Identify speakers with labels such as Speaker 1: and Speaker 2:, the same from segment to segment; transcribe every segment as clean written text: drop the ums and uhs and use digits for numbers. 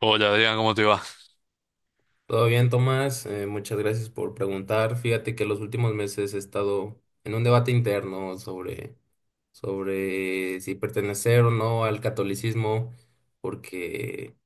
Speaker 1: Hola Adrián, ¿cómo te va?
Speaker 2: Todo bien, Tomás. Muchas gracias por preguntar. Fíjate que los últimos meses he estado en un debate interno sobre si pertenecer o no al catolicismo, porque,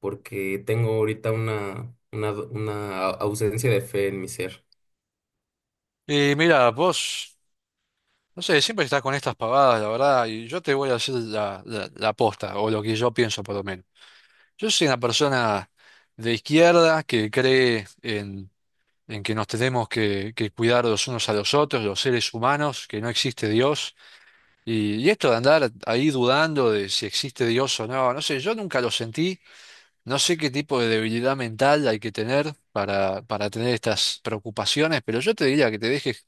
Speaker 2: porque tengo ahorita una ausencia de fe en mi ser.
Speaker 1: Y mira, vos, no sé, siempre estás con estas pavadas, la verdad, y yo te voy a hacer la posta, o lo que yo pienso por lo menos. Yo soy una persona de izquierda que cree en que nos tenemos que cuidar los unos a los otros, los seres humanos, que no existe Dios. Y esto de andar ahí dudando de si existe Dios o no, no sé, yo nunca lo sentí, no sé qué tipo de debilidad mental hay que tener para tener estas preocupaciones, pero yo te diría que te dejes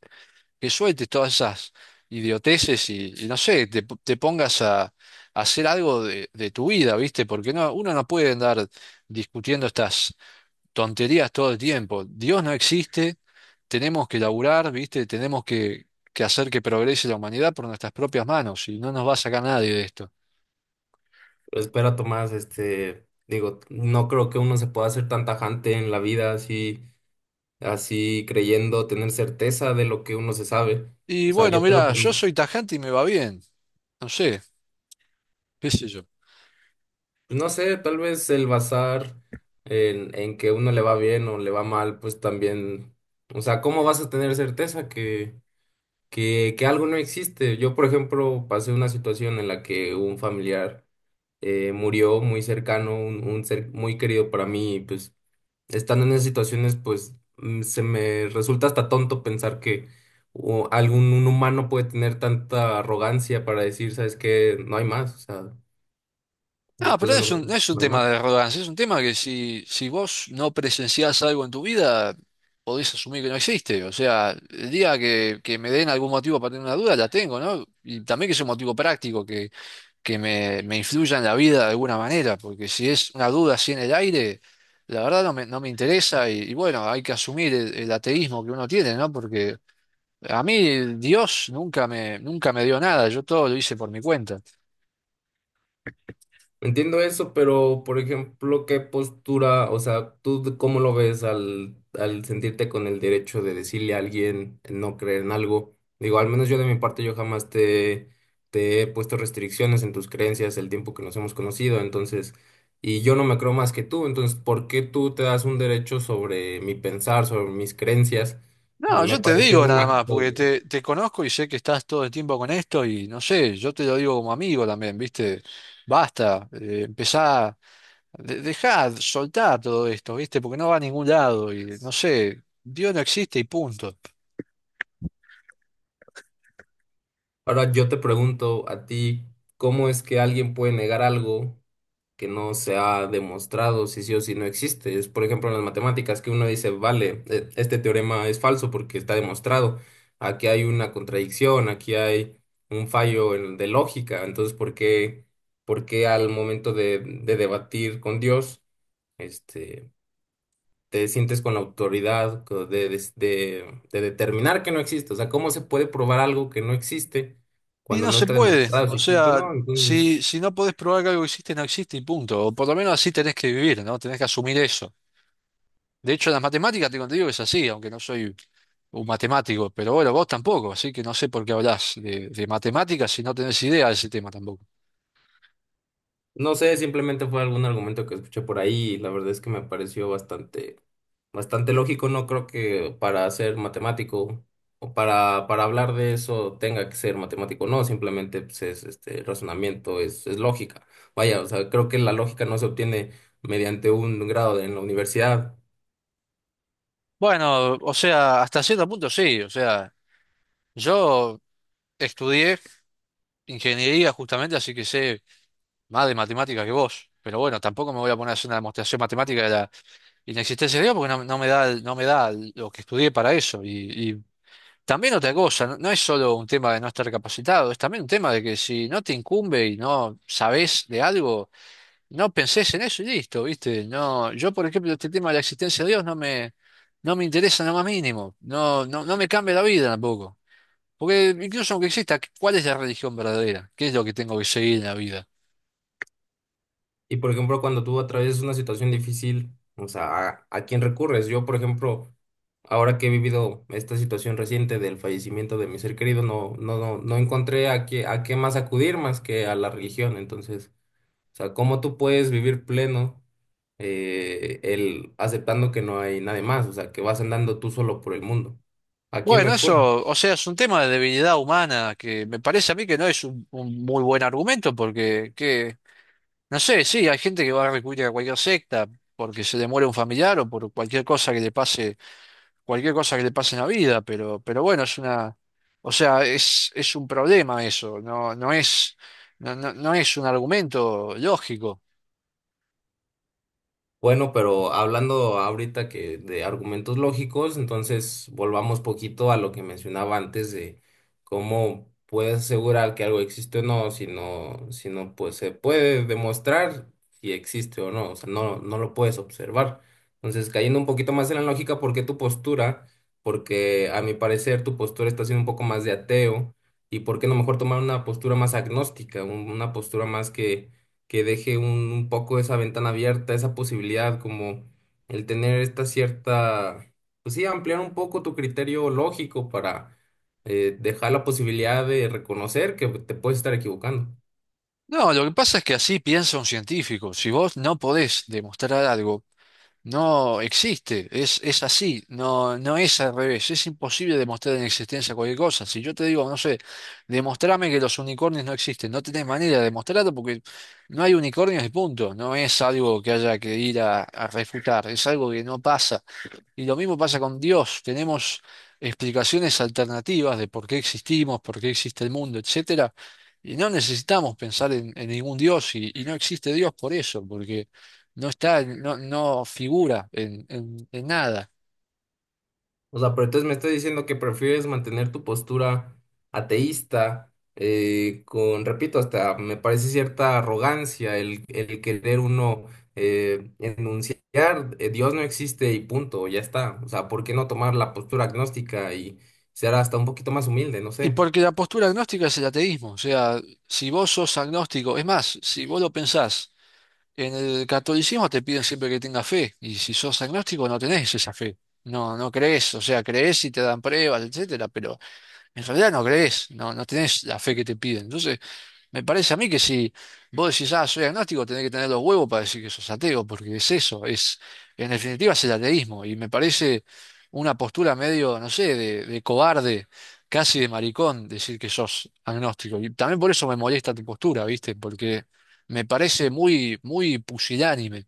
Speaker 1: que sueltes todas esas idioteces y no sé, te pongas a hacer algo de tu vida, ¿viste? Porque no, uno no puede andar discutiendo estas tonterías todo el tiempo. Dios no existe, tenemos que laburar, ¿viste? Que hacer que progrese la humanidad por nuestras propias manos y no nos va a sacar nadie de esto.
Speaker 2: Pero espera, Tomás, digo, no creo que uno se pueda ser tan tajante en la vida así creyendo tener certeza de lo que uno se sabe.
Speaker 1: Y
Speaker 2: O sea,
Speaker 1: bueno,
Speaker 2: yo creo
Speaker 1: mira,
Speaker 2: que
Speaker 1: yo soy tajante y me va bien, no sé, qué sé yo.
Speaker 2: pues, no sé, tal vez el bazar en que uno le va bien o le va mal, pues también, o sea, ¿cómo vas a tener certeza que algo no existe? Yo, por ejemplo, pasé una situación en la que un familiar murió muy cercano, un ser muy querido para mí, y pues estando en esas situaciones, pues se me resulta hasta tonto pensar que o, algún un humano puede tener tanta arrogancia para decir, ¿sabes qué? No hay más, o sea,
Speaker 1: No,
Speaker 2: después
Speaker 1: pero
Speaker 2: de nosotros,
Speaker 1: no es un
Speaker 2: no hay más.
Speaker 1: tema de arrogancia, es un tema que si vos no presenciás algo en tu vida, podés asumir que no existe. O sea, el día que me den algún motivo para tener una duda, la tengo, ¿no? Y también que sea un motivo práctico, que, me influya en la vida de alguna manera, porque si es una duda así en el aire, la verdad no me interesa y bueno, hay que asumir el ateísmo que uno tiene, ¿no? Porque a mí Dios nunca me dio nada, yo todo lo hice por mi cuenta.
Speaker 2: Entiendo eso, pero por ejemplo, ¿qué postura, o sea, tú cómo lo ves al, al sentirte con el derecho de decirle a alguien no creer en algo? Digo, al menos yo de mi parte, yo jamás te he puesto restricciones en tus creencias el tiempo que nos hemos conocido, entonces, y yo no me creo más que tú, entonces, ¿por qué tú te das un derecho sobre mi pensar, sobre mis creencias?
Speaker 1: No,
Speaker 2: Me
Speaker 1: yo te
Speaker 2: parece
Speaker 1: digo
Speaker 2: un
Speaker 1: nada más,
Speaker 2: acto.
Speaker 1: porque te conozco y sé que estás todo el tiempo con esto y no sé, yo te lo digo como amigo también, ¿viste? Basta, empezá, dejá, soltá todo esto, ¿viste? Porque no va a ningún lado y no sé, Dios no existe y punto.
Speaker 2: Ahora yo te pregunto a ti, ¿cómo es que alguien puede negar algo que no se ha demostrado si sí o si no existe? Es, por ejemplo, en las matemáticas que uno dice, vale, este teorema es falso porque está demostrado. Aquí hay una contradicción, aquí hay un fallo de lógica. Entonces, ¿por qué al momento de debatir con Dios, este, te sientes con la autoridad de, de determinar que no existe? O sea, ¿cómo se puede probar algo que no existe
Speaker 1: Y
Speaker 2: cuando
Speaker 1: no
Speaker 2: no
Speaker 1: se
Speaker 2: está
Speaker 1: puede,
Speaker 2: demostrado
Speaker 1: o
Speaker 2: si existe o
Speaker 1: sea,
Speaker 2: no? Entonces,
Speaker 1: si no podés probar que algo existe, no existe y punto. O por lo menos así tenés que vivir, ¿no? Tenés que asumir eso. De hecho, en las matemáticas te digo que es así, aunque no soy un matemático, pero bueno, vos tampoco, así que no sé por qué hablás de matemáticas si no tenés idea de ese tema tampoco.
Speaker 2: no sé, simplemente fue algún argumento que escuché por ahí y la verdad es que me pareció bastante, bastante lógico. No creo que para ser matemático o para hablar de eso tenga que ser matemático. No, simplemente pues, es este razonamiento, es lógica. Vaya, o sea, creo que la lógica no se obtiene mediante un grado en la universidad.
Speaker 1: Bueno, o sea, hasta cierto punto sí, o sea, yo estudié ingeniería justamente, así que sé más de matemáticas que vos, pero bueno, tampoco me voy a poner a hacer una demostración matemática de la inexistencia de Dios porque no, no me da lo que estudié para eso. Y también otra cosa, no, no es solo un tema de no estar capacitado, es también un tema de que si no te incumbe y no sabés de algo, no pensés en eso y listo, ¿viste? No, yo, por ejemplo, este tema de la existencia de Dios no me interesa en lo más mínimo. No me cambia la vida tampoco. Porque incluso aunque exista, ¿cuál es la religión verdadera? ¿Qué es lo que tengo que seguir en la vida?
Speaker 2: Y por ejemplo, cuando tú atraviesas una situación difícil, o sea, a quién recurres? Yo, por ejemplo, ahora que he vivido esta situación reciente del fallecimiento de mi ser querido, no, no, no, no encontré a qué más acudir más que a la religión. Entonces, o sea, ¿cómo tú puedes vivir pleno el aceptando que no hay nadie más? O sea, que vas andando tú solo por el mundo. ¿A quién
Speaker 1: Bueno,
Speaker 2: recurres?
Speaker 1: eso, o sea, es un tema de debilidad humana que me parece a mí que no es un muy buen argumento porque, que, no sé, sí, hay gente que va a recurrir a cualquier secta porque se le muere un familiar o por cualquier cosa que le pase cualquier cosa que le pase en la vida, pero bueno, es una, o sea, es un problema eso, no, no es un argumento lógico.
Speaker 2: Bueno, pero hablando ahorita que de argumentos lógicos, entonces volvamos poquito a lo que mencionaba antes de cómo puedes asegurar que algo existe o no, si no, pues se puede demostrar si existe o no, o sea, no, no lo puedes observar. Entonces, cayendo un poquito más en la lógica, ¿por qué tu postura? Porque a mi parecer tu postura está siendo un poco más de ateo y por qué no mejor tomar una postura más agnóstica, una postura más que deje un poco esa ventana abierta, esa posibilidad, como el tener esta cierta, pues sí, ampliar un poco tu criterio lógico para dejar la posibilidad de reconocer que te puedes estar equivocando.
Speaker 1: No, lo que pasa es que así piensa un científico. Si vos no podés demostrar algo, no existe, es así, no, no es al revés, es imposible demostrar en existencia cualquier cosa. Si yo te digo, no sé, demostrame que los unicornios no existen, no tenés manera de demostrarlo porque no hay unicornios y punto, no es algo que haya que ir a refutar, es algo que no pasa. Y lo mismo pasa con Dios. Tenemos explicaciones alternativas de por qué existimos, por qué existe el mundo, etcétera. Y no necesitamos pensar en ningún Dios, y no existe Dios por eso, porque no está, no figura en nada.
Speaker 2: O sea, pero entonces me estás diciendo que prefieres mantener tu postura ateísta, con, repito, hasta me parece cierta arrogancia el querer uno enunciar, Dios no existe y punto, ya está. O sea, ¿por qué no tomar la postura agnóstica y ser hasta un poquito más humilde? No
Speaker 1: Y
Speaker 2: sé.
Speaker 1: porque la postura agnóstica es el ateísmo. O sea, si vos sos agnóstico, es más, si vos lo pensás, en el catolicismo te piden siempre que tengas fe, y si sos agnóstico no tenés esa fe. No, no crees, o sea, crees y te dan pruebas, etcétera, pero en realidad no crees, no tenés la fe que te piden. Entonces, me parece a mí que si vos decís, ah, soy agnóstico, tenés que tener los huevos para decir que sos ateo, porque es eso, es, en definitiva es el ateísmo, y me parece una postura medio, no sé, de cobarde, casi de maricón, decir que sos agnóstico. Y también por eso me molesta tu postura, ¿viste? Porque me parece muy pusilánime.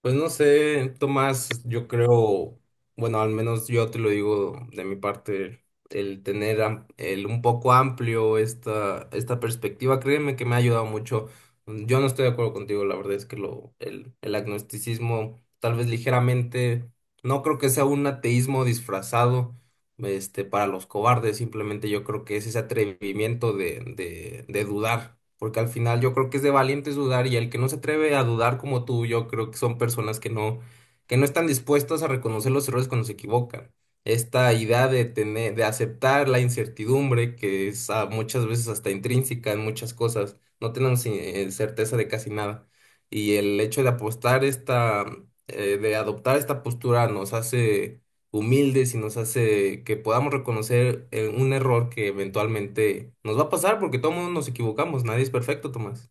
Speaker 2: Pues no sé, Tomás, yo creo, bueno, al menos yo te lo digo de mi parte, el tener el un poco amplio esta perspectiva, créeme que me ha ayudado mucho. Mm, yo no estoy de acuerdo contigo, la verdad es que el agnosticismo, tal vez ligeramente, no creo que sea un ateísmo disfrazado para los cobardes, simplemente yo creo que es ese atrevimiento de dudar, porque al final yo creo que es de valientes dudar y el que no se atreve a dudar como tú, yo creo que son personas que no están dispuestas a reconocer los errores cuando se equivocan. Esta idea de tener, de aceptar la incertidumbre, que es muchas veces hasta intrínseca en muchas cosas, no tenemos certeza de casi nada. Y el hecho de apostar de adoptar esta postura nos hace humildes y nos hace que podamos reconocer un error que eventualmente nos va a pasar porque todo mundo nos equivocamos, nadie es perfecto, Tomás.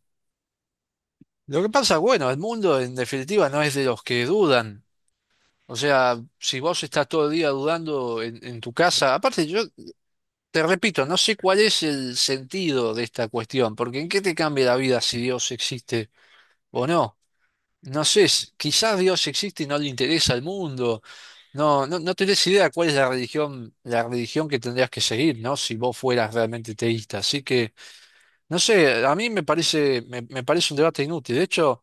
Speaker 1: Lo que pasa, bueno, el mundo en definitiva no es de los que dudan. O sea, si vos estás todo el día dudando en tu casa, aparte yo te repito, no sé cuál es el sentido de esta cuestión, porque ¿en qué te cambia la vida si Dios existe o no? No sé, quizás Dios existe y no le interesa al mundo. No tenés idea cuál es la religión que tendrías que seguir, ¿no? Si vos fueras realmente teísta. Así que, no sé, a mí me parece, me me parece un debate inútil. De hecho,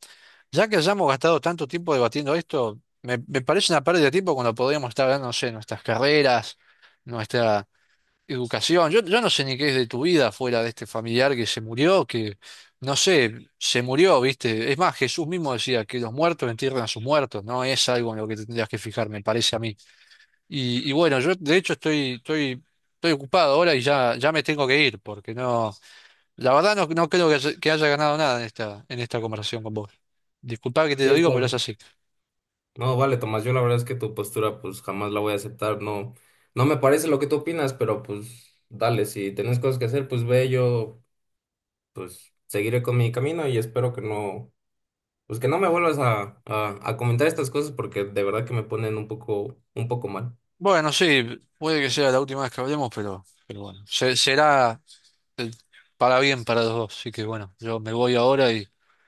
Speaker 1: ya que hayamos gastado tanto tiempo debatiendo esto, me parece una pérdida de tiempo cuando podríamos estar hablando, no sé, nuestras carreras, nuestra educación. Yo no sé ni qué es de tu vida fuera de este familiar que se murió, que, no sé, se murió, ¿viste? Es más, Jesús mismo decía que los muertos entierran a sus muertos, no es algo en lo que te tendrías que fijar, me parece a mí. Y bueno, yo de hecho estoy ocupado ahora y ya, ya me tengo que ir, porque no, la verdad no, no creo que que haya ganado nada en en esta conversación con vos. Disculpa que te lo
Speaker 2: Es
Speaker 1: digo, pero
Speaker 2: la-
Speaker 1: es así.
Speaker 2: No, vale, Tomás, yo la verdad es que tu postura pues jamás la voy a aceptar, no, no me parece lo que tú opinas, pero pues dale, si tenés cosas que hacer, pues ve, yo pues seguiré con mi camino y espero que no, pues que no me vuelvas a comentar estas cosas porque de verdad que me ponen un poco mal.
Speaker 1: Bueno, sí, puede que sea la última vez que hablemos, pero bueno, será eh, para bien para los dos. Así que bueno, yo me voy ahora y...